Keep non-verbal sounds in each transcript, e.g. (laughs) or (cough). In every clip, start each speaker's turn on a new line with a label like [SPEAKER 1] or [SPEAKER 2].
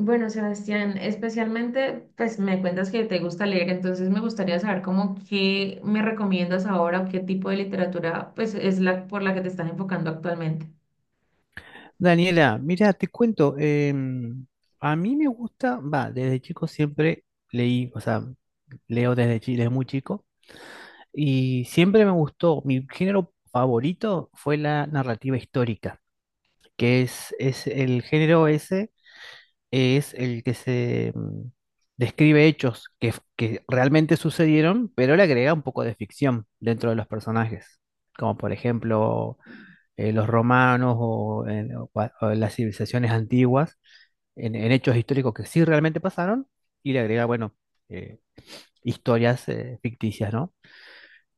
[SPEAKER 1] Bueno, Sebastián, especialmente, pues me cuentas que te gusta leer, entonces me gustaría saber cómo qué me recomiendas ahora o qué tipo de literatura pues es la por la que te estás enfocando actualmente.
[SPEAKER 2] Daniela, mira, te cuento, a mí me gusta, va, desde chico siempre leí, o sea, leo desde, desde muy chico, y siempre me gustó, mi género favorito fue la narrativa histórica, es el género ese, es el que describe hechos que, que realmente sucedieron, pero le agrega un poco de ficción dentro de los personajes, como por ejemplo los romanos o, o las civilizaciones antiguas, en hechos históricos que sí realmente pasaron, y le agrega, bueno, eh, historias ficticias, ¿no?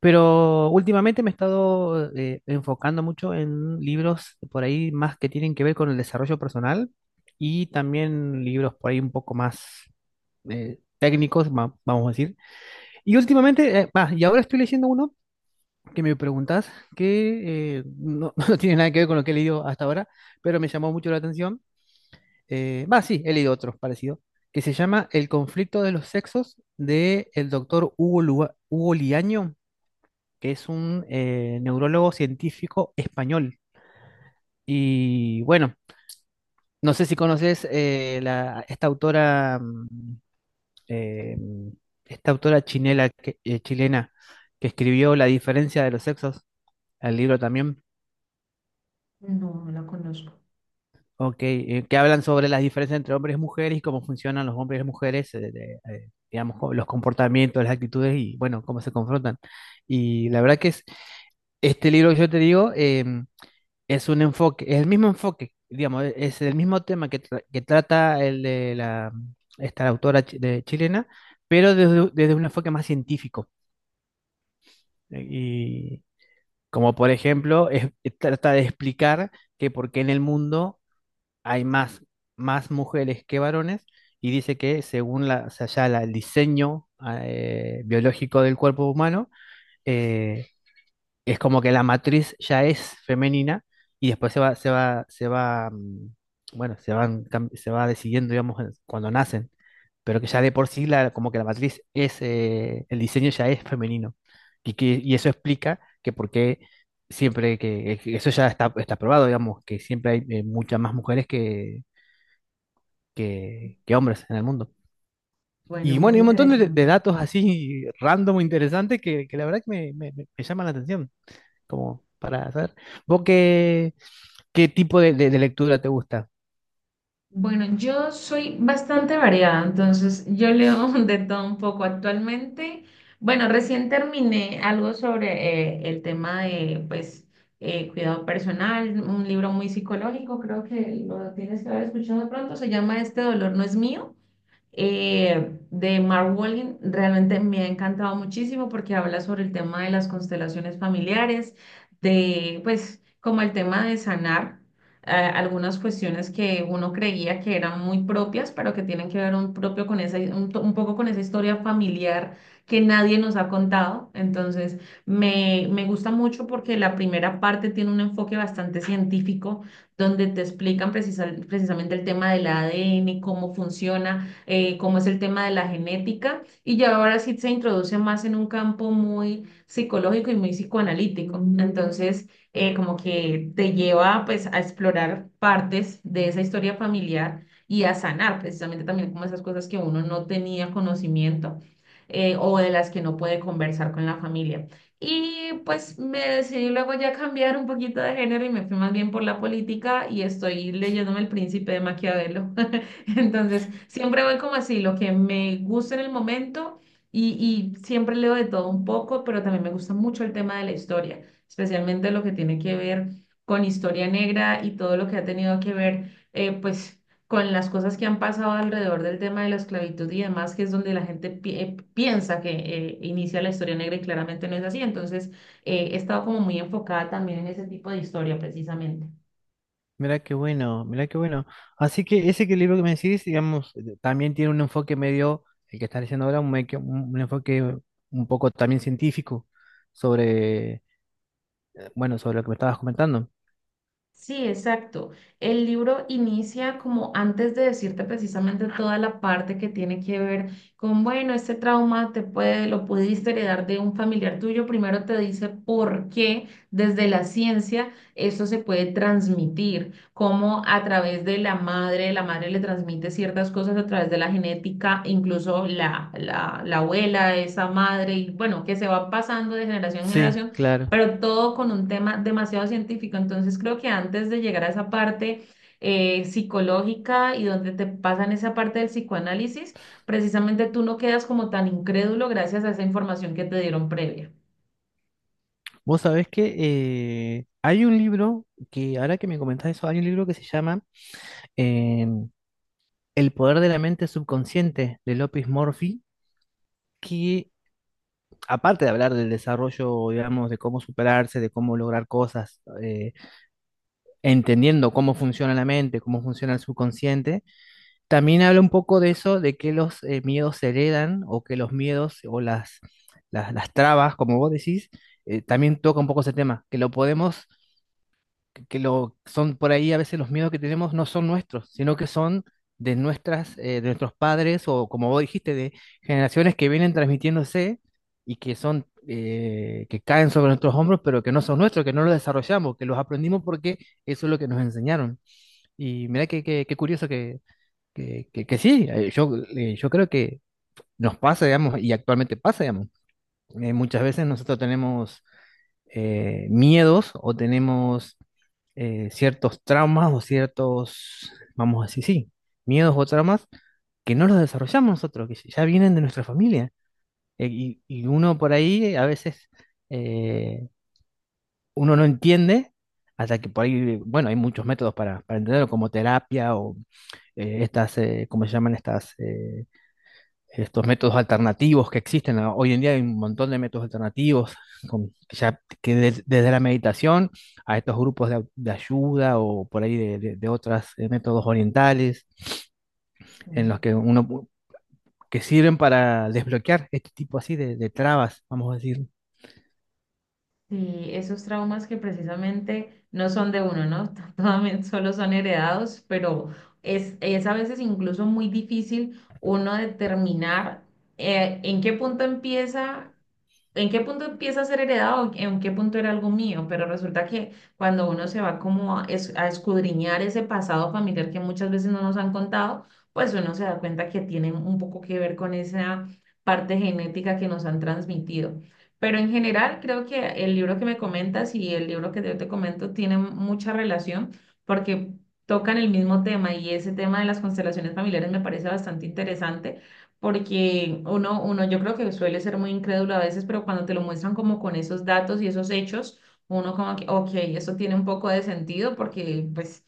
[SPEAKER 2] Pero últimamente me he estado enfocando mucho en libros por ahí más que tienen que ver con el desarrollo personal, y también libros por ahí un poco más técnicos, vamos a decir. Y últimamente, y ahora estoy leyendo uno que me preguntas, que no, (laughs) no tiene nada que ver con lo que he leído hasta ahora, pero me llamó mucho la atención. Va, sí, he leído otros parecidos, que se llama El conflicto de los sexos, de el doctor Hugo, Hugo Liaño, que es un neurólogo científico español. Y bueno, no sé si conoces esta autora, eh, esta autora chilena, que escribió La diferencia de los sexos, el libro también.
[SPEAKER 1] No, no la conozco.
[SPEAKER 2] Ok, que hablan sobre las diferencias entre hombres y mujeres y cómo funcionan los hombres y mujeres, digamos, los comportamientos, las actitudes y bueno, cómo se confrontan. Y la verdad que es, este libro que yo te digo, es un enfoque, es el mismo enfoque, digamos, es el mismo tema que, que trata el de la, esta autora chilena, pero desde, desde un enfoque más científico. Y como por ejemplo, trata de explicar que por qué en el mundo hay más, más mujeres que varones, y dice que según la, o sea, el diseño biológico del cuerpo humano, eh, es como que la matriz ya es femenina, y después se va, bueno, se va decidiendo, digamos, cuando nacen, pero que ya de por sí, la, como que la matriz es, el diseño ya es femenino. Y eso explica que por qué siempre que eso ya está, está probado, digamos, que siempre hay muchas más mujeres que hombres en el mundo.
[SPEAKER 1] Bueno,
[SPEAKER 2] Y
[SPEAKER 1] muy
[SPEAKER 2] bueno, y un montón
[SPEAKER 1] interesante.
[SPEAKER 2] de datos así random, interesantes, que la verdad que me llaman la atención como para saber. ¿Vos qué, qué tipo de lectura te gusta?
[SPEAKER 1] Bueno, yo soy bastante variada, entonces yo leo (laughs) de todo un poco actualmente. Bueno, recién terminé algo sobre el tema de, pues, cuidado personal, un libro muy psicológico, creo que lo tienes que haber escuchado de pronto, se llama Este dolor no es mío, de Mark Walling. Realmente me ha encantado muchísimo porque habla sobre el tema de las constelaciones familiares, de pues como el tema de sanar algunas cuestiones que uno creía que eran muy propias, pero que tienen que ver un propio con esa, un, un poco con esa historia familiar que nadie nos ha contado. Entonces, me gusta mucho porque la primera parte tiene un enfoque bastante científico, donde te explican precisamente el tema del ADN, cómo funciona, como es el tema de la genética, y ya ahora sí se introduce más en un campo muy psicológico y muy psicoanalítico. Entonces, como que te lleva pues a explorar partes de esa historia familiar y a sanar precisamente también como esas cosas que uno no tenía conocimiento, o de las que no puede conversar con la familia. Y pues me decidí luego ya cambiar un poquito de género y me fui más bien por la política y estoy leyéndome El Príncipe de Maquiavelo. (laughs) (laughs) Entonces, siempre voy como así, lo que me gusta en el momento y, y siempre leo de todo un poco, pero también me gusta mucho el tema de la historia, especialmente lo que tiene que ver con historia negra y todo lo que ha tenido que ver, pues, con las cosas que han pasado alrededor del tema de la esclavitud y demás, que es donde la gente piensa que inicia la historia negra y claramente no es así. Entonces, he estado como muy enfocada también en ese tipo de historia precisamente.
[SPEAKER 2] Mirá qué bueno, mirá qué bueno. Así que ese que libro que me decís, digamos, también tiene un enfoque medio, el que estás diciendo ahora, un enfoque un poco también científico sobre, bueno, sobre lo que me estabas comentando.
[SPEAKER 1] Sí, exacto. El libro inicia como antes de decirte precisamente toda la parte que tiene que ver con, bueno, este trauma te puede, lo pudiste heredar de un familiar tuyo. Primero te dice por qué desde la ciencia eso se puede transmitir, cómo a través de la madre le transmite ciertas cosas a través de la genética, incluso la abuela, esa madre, y bueno, que se va pasando de generación en
[SPEAKER 2] Sí,
[SPEAKER 1] generación,
[SPEAKER 2] claro.
[SPEAKER 1] pero todo con un tema demasiado científico. Entonces creo que antes de llegar a esa parte psicológica y donde te pasan esa parte del psicoanálisis, precisamente tú no quedas como tan incrédulo gracias a esa información que te dieron previa.
[SPEAKER 2] Vos sabés que hay un libro que, ahora que me comentás eso, hay un libro que se llama em, El poder de la mente subconsciente, de López Murphy, que aparte de hablar del desarrollo, digamos, de cómo superarse, de cómo lograr cosas, entendiendo cómo funciona la mente, cómo funciona el subconsciente, también habla un poco de eso, de que los miedos se heredan, o que los miedos o las, las trabas, como vos decís, también toca un poco ese tema, que lo podemos, que son por ahí a veces los miedos que tenemos no son nuestros, sino que son de nuestras, de nuestros padres, o como vos dijiste, de generaciones que vienen transmitiéndose, y que son, que caen sobre nuestros hombros, pero que no son nuestros, que no los desarrollamos, que los aprendimos porque eso es lo que nos enseñaron. Y mira qué curioso que sí, yo creo que nos pasa, digamos, y actualmente pasa, digamos. Muchas veces nosotros tenemos miedos, o tenemos ciertos traumas o ciertos, vamos a decir, sí, miedos o traumas que no los desarrollamos nosotros, que ya vienen de nuestra familia. Y, y uno por ahí a veces eh, uno no entiende, hasta que por ahí, bueno, hay muchos métodos para entenderlo, como terapia o estas, ¿cómo se llaman estas? Estos métodos alternativos que existen, ¿no? Hoy en día hay un montón de métodos alternativos, desde la meditación, a estos grupos de ayuda, o por ahí de otros métodos orientales, en los que que sirven para desbloquear este tipo así de trabas, vamos a decir.
[SPEAKER 1] Sí, esos traumas que precisamente no son de uno, ¿no? (laughs) Totalmente solo son heredados, pero es a veces incluso muy difícil uno determinar en qué punto empieza, en qué punto empieza a ser heredado, en qué punto era algo mío, pero resulta que cuando uno se va como a, a escudriñar ese pasado familiar que muchas veces no nos han contado, pues uno se da cuenta que tiene un poco que ver con esa parte genética que nos han transmitido. Pero en general creo que el libro que me comentas y el libro que yo te comento tienen mucha relación porque tocan el mismo tema, y ese tema de las constelaciones familiares me parece bastante interesante porque uno yo creo que suele ser muy incrédulo a veces, pero cuando te lo muestran como con esos datos y esos hechos, uno como que, ok, esto tiene un poco de sentido porque pues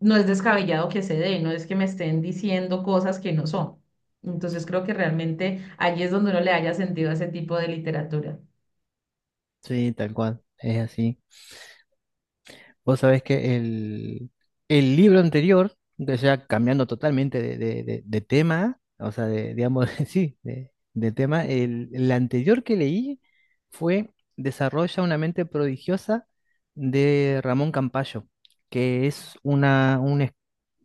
[SPEAKER 1] no es descabellado que se dé, no es que me estén diciendo cosas que no son. Entonces creo que realmente allí es donde uno le haya sentido a ese tipo de literatura.
[SPEAKER 2] Sí, tal cual, es así. Vos sabés que el libro anterior, o sea, cambiando totalmente de tema, o sea, de, digamos, (laughs) sí, de tema, el anterior que leí fue Desarrolla una mente prodigiosa, de Ramón Campayo, que es una, un, es,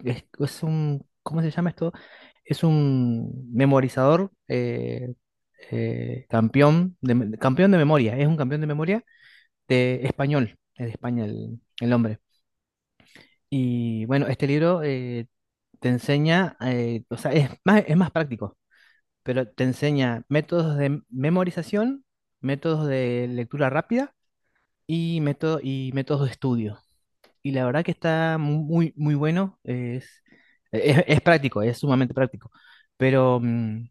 [SPEAKER 2] es- es un, ¿cómo se llama esto? Es un memorizador, campeón de memoria, es un campeón de memoria de español, es de España el hombre. Y bueno, este libro te enseña, o sea, es más práctico, pero te enseña métodos de memorización, métodos de lectura rápida y, y métodos de estudio. Y la verdad que está muy, muy bueno, es práctico, es sumamente práctico. Pero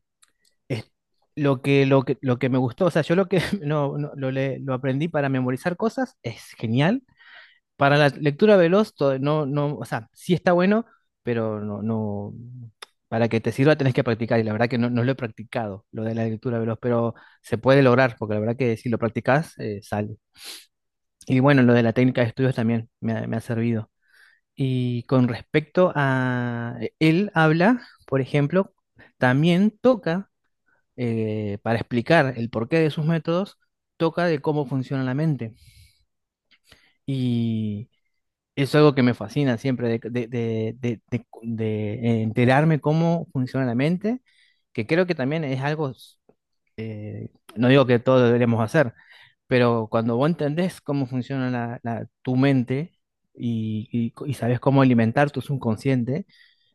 [SPEAKER 2] es lo que, lo que me gustó, o sea, yo lo que (laughs) lo aprendí para memorizar cosas es genial. Para la lectura veloz, no, no, o sea, sí está bueno, pero no, no, para que te sirva tenés que practicar, y la verdad que no, no lo he practicado, lo de la lectura veloz, pero se puede lograr, porque la verdad que si lo practicás, sale. Y bueno, lo de la técnica de estudios también me ha servido. Y con respecto a él habla, por ejemplo, también toca, para explicar el porqué de sus métodos, toca de cómo funciona la mente. Es algo que me fascina siempre de enterarme cómo funciona la mente, que creo que también es algo, eh, no digo que todos lo deberíamos hacer, pero cuando vos entendés cómo funciona tu mente, y, y sabés cómo alimentar tu subconsciente,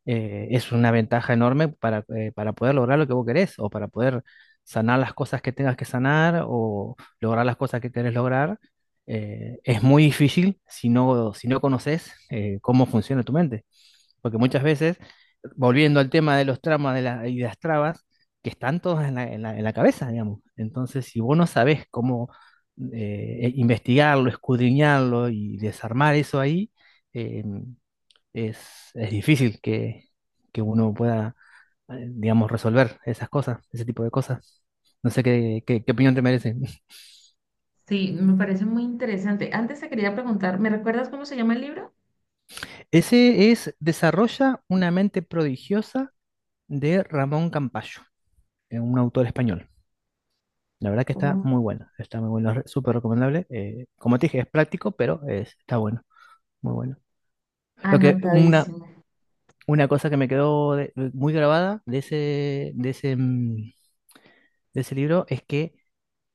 [SPEAKER 2] es una ventaja enorme para poder lograr lo que vos querés, o para poder sanar las cosas que tengas que sanar, o lograr las cosas que querés lograr. Es muy difícil si no, si no conoces cómo funciona tu mente. Porque muchas veces, volviendo al tema de los tramas y las trabas, que están todas en la, en la cabeza, digamos. Entonces, si vos no sabés cómo investigarlo, escudriñarlo y desarmar eso ahí, eh, es, es difícil que uno pueda, digamos, resolver esas cosas, ese tipo de cosas. No sé qué, qué opinión te merece. (laughs)
[SPEAKER 1] Sí, me parece muy interesante. Antes te quería preguntar, ¿me recuerdas cómo se llama el libro?
[SPEAKER 2] Ese es Desarrolla una mente prodigiosa, de Ramón Campayo, un autor español. La verdad que
[SPEAKER 1] Oh,
[SPEAKER 2] está muy bueno, súper recomendable. Como te dije, es práctico, pero está bueno, muy bueno. Lo que una,
[SPEAKER 1] anotadísimo.
[SPEAKER 2] una cosa que me quedó muy grabada de ese, de ese libro es que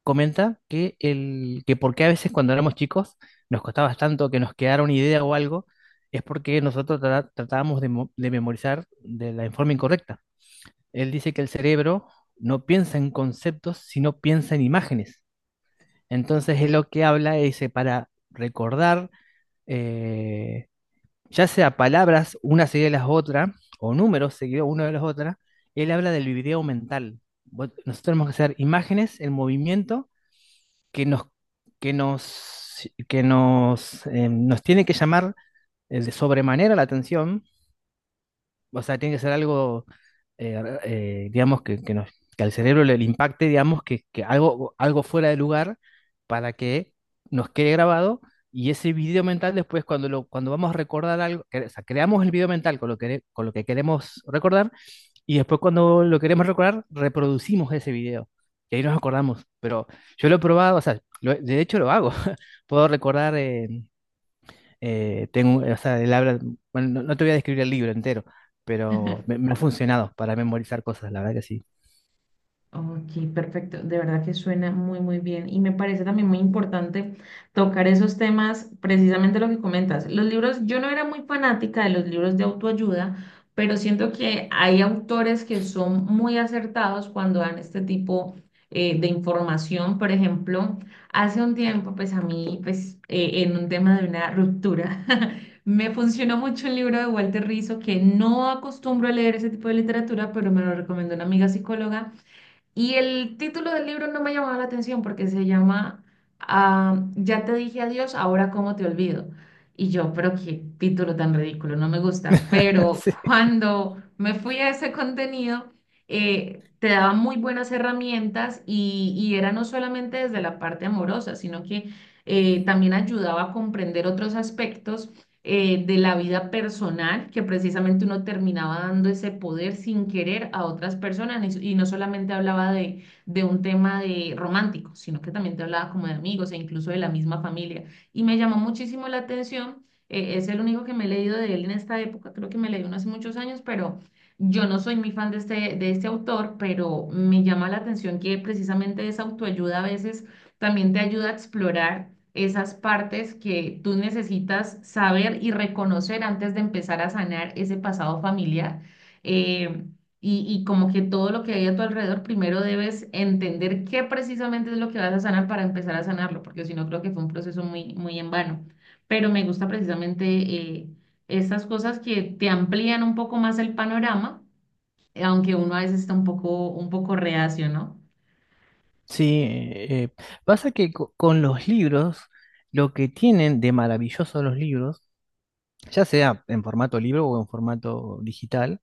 [SPEAKER 2] comenta que el, que por qué a veces cuando éramos chicos nos costaba tanto que nos quedara una idea o algo, es porque nosotros tratábamos de, de memorizar de la forma incorrecta. Él dice que el cerebro no piensa en conceptos, sino piensa en imágenes. Entonces es lo que habla, dice, para recordar, eh, ya sea palabras una seguida de las otras, o números seguidos una de las otras, él habla del video mental. Nosotros tenemos que hacer imágenes en movimiento que nos, que nos, nos tiene que llamar de sobremanera la atención, o sea, tiene que ser algo, digamos, que al cerebro le impacte, digamos, que algo, algo fuera de lugar, para que nos quede grabado. Y ese video mental después cuando, cuando vamos a recordar algo, o sea, creamos el video mental con lo que queremos recordar, y después cuando lo queremos recordar, reproducimos ese video. Y ahí nos acordamos. Pero yo lo he probado, o sea, de hecho lo hago. (laughs) Puedo recordar, tengo, o sea, él habla, bueno, no, no te voy a describir el libro entero, pero
[SPEAKER 1] (laughs)
[SPEAKER 2] me ha funcionado para memorizar cosas, la verdad que sí.
[SPEAKER 1] Ok, perfecto. De verdad que suena muy, muy bien. Y me parece también muy importante tocar esos temas, precisamente lo que comentas. Los libros, yo no era muy fanática de los libros de autoayuda, pero siento que hay autores que son muy acertados cuando dan este tipo de información. Por ejemplo, hace un tiempo, pues a mí, pues en un tema de una ruptura, (laughs) me funcionó mucho el libro de Walter Rizzo, que no acostumbro a leer ese tipo de literatura, pero me lo recomendó una amiga psicóloga. Y el título del libro no me llamaba la atención porque se llama, Ya te dije adiós, ahora cómo te olvido. Y yo, pero qué título tan ridículo, no me gusta. Pero
[SPEAKER 2] (laughs) Sí,
[SPEAKER 1] cuando me fui a ese contenido, te daba muy buenas herramientas y era no solamente desde la parte amorosa, sino que también ayudaba a comprender otros aspectos de la vida personal, que precisamente uno terminaba dando ese poder sin querer a otras personas, y no solamente hablaba de un tema de romántico, sino que también te hablaba como de amigos e incluso de la misma familia. Y me llamó muchísimo la atención, es el único que me he leído de él en esta época, creo que me leí uno hace muchos años, pero yo no soy muy fan de de este autor, pero me llama la atención que precisamente esa autoayuda a veces también te ayuda a explorar esas partes que tú necesitas saber y reconocer antes de empezar a sanar ese pasado familiar. Eh, y como que todo lo que hay a tu alrededor, primero debes entender qué precisamente es lo que vas a sanar para empezar a sanarlo, porque si no creo que fue un proceso muy, muy en vano. Pero me gusta precisamente estas cosas que te amplían un poco más el panorama, aunque uno a veces está un poco reacio, ¿no?
[SPEAKER 2] sí, pasa que con los libros, lo que tienen de maravilloso los libros, ya sea en formato libro o en formato digital,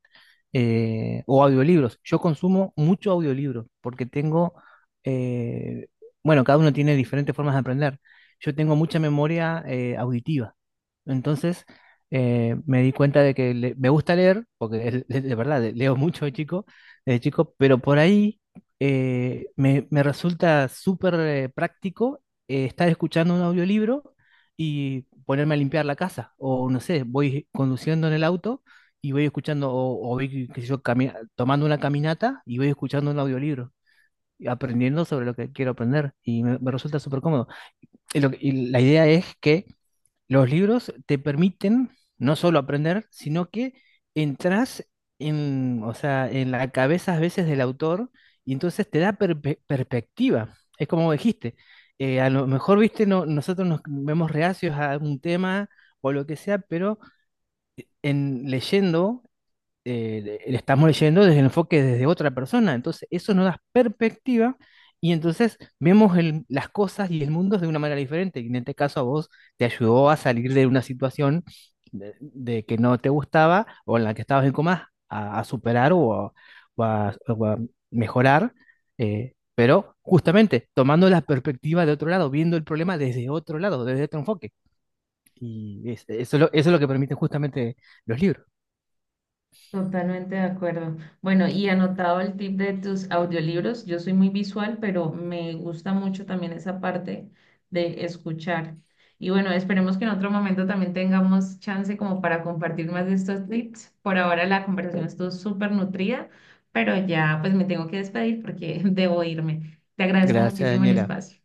[SPEAKER 2] o audiolibros. Yo consumo mucho audiolibro porque tengo, eh, bueno, cada uno tiene diferentes formas de aprender. Yo tengo mucha memoria auditiva. Entonces, me di cuenta de que me gusta leer, porque (laughs) es de verdad, leo mucho de chico, pero por ahí me resulta súper práctico estar escuchando un audiolibro y ponerme a limpiar la casa. O no sé, voy conduciendo en el auto y voy escuchando, o voy, qué sé yo, tomando una caminata y voy escuchando un audiolibro, y aprendiendo sobre lo que quiero aprender. Y me resulta súper cómodo. Y, y la idea es que los libros te permiten no solo aprender, sino que entras en, o sea, en la cabeza a veces del autor, y entonces te da perspectiva. Es como dijiste, a lo mejor, viste, no, nosotros nos vemos reacios a un tema o lo que sea, pero en leyendo le estamos leyendo desde el enfoque desde otra persona. Entonces, eso nos da perspectiva, y entonces vemos las cosas y el mundo de una manera diferente. Y en este caso a vos te ayudó a salir de una situación de que no te gustaba, o en la que estabas en comas, a superar, o a mejorar. Pero justamente tomando la perspectiva de otro lado, viendo el problema desde otro lado, desde otro enfoque. Eso es lo, eso es lo que permiten justamente los libros.
[SPEAKER 1] Totalmente de acuerdo. Bueno, y anotado el tip de tus audiolibros, yo soy muy visual, pero me gusta mucho también esa parte de escuchar. Y bueno, esperemos que en otro momento también tengamos chance como para compartir más de estos tips. Por ahora la conversación estuvo súper nutrida, pero ya pues me tengo que despedir porque (laughs) debo irme. Te agradezco
[SPEAKER 2] Gracias,
[SPEAKER 1] muchísimo el
[SPEAKER 2] Daniela.
[SPEAKER 1] espacio.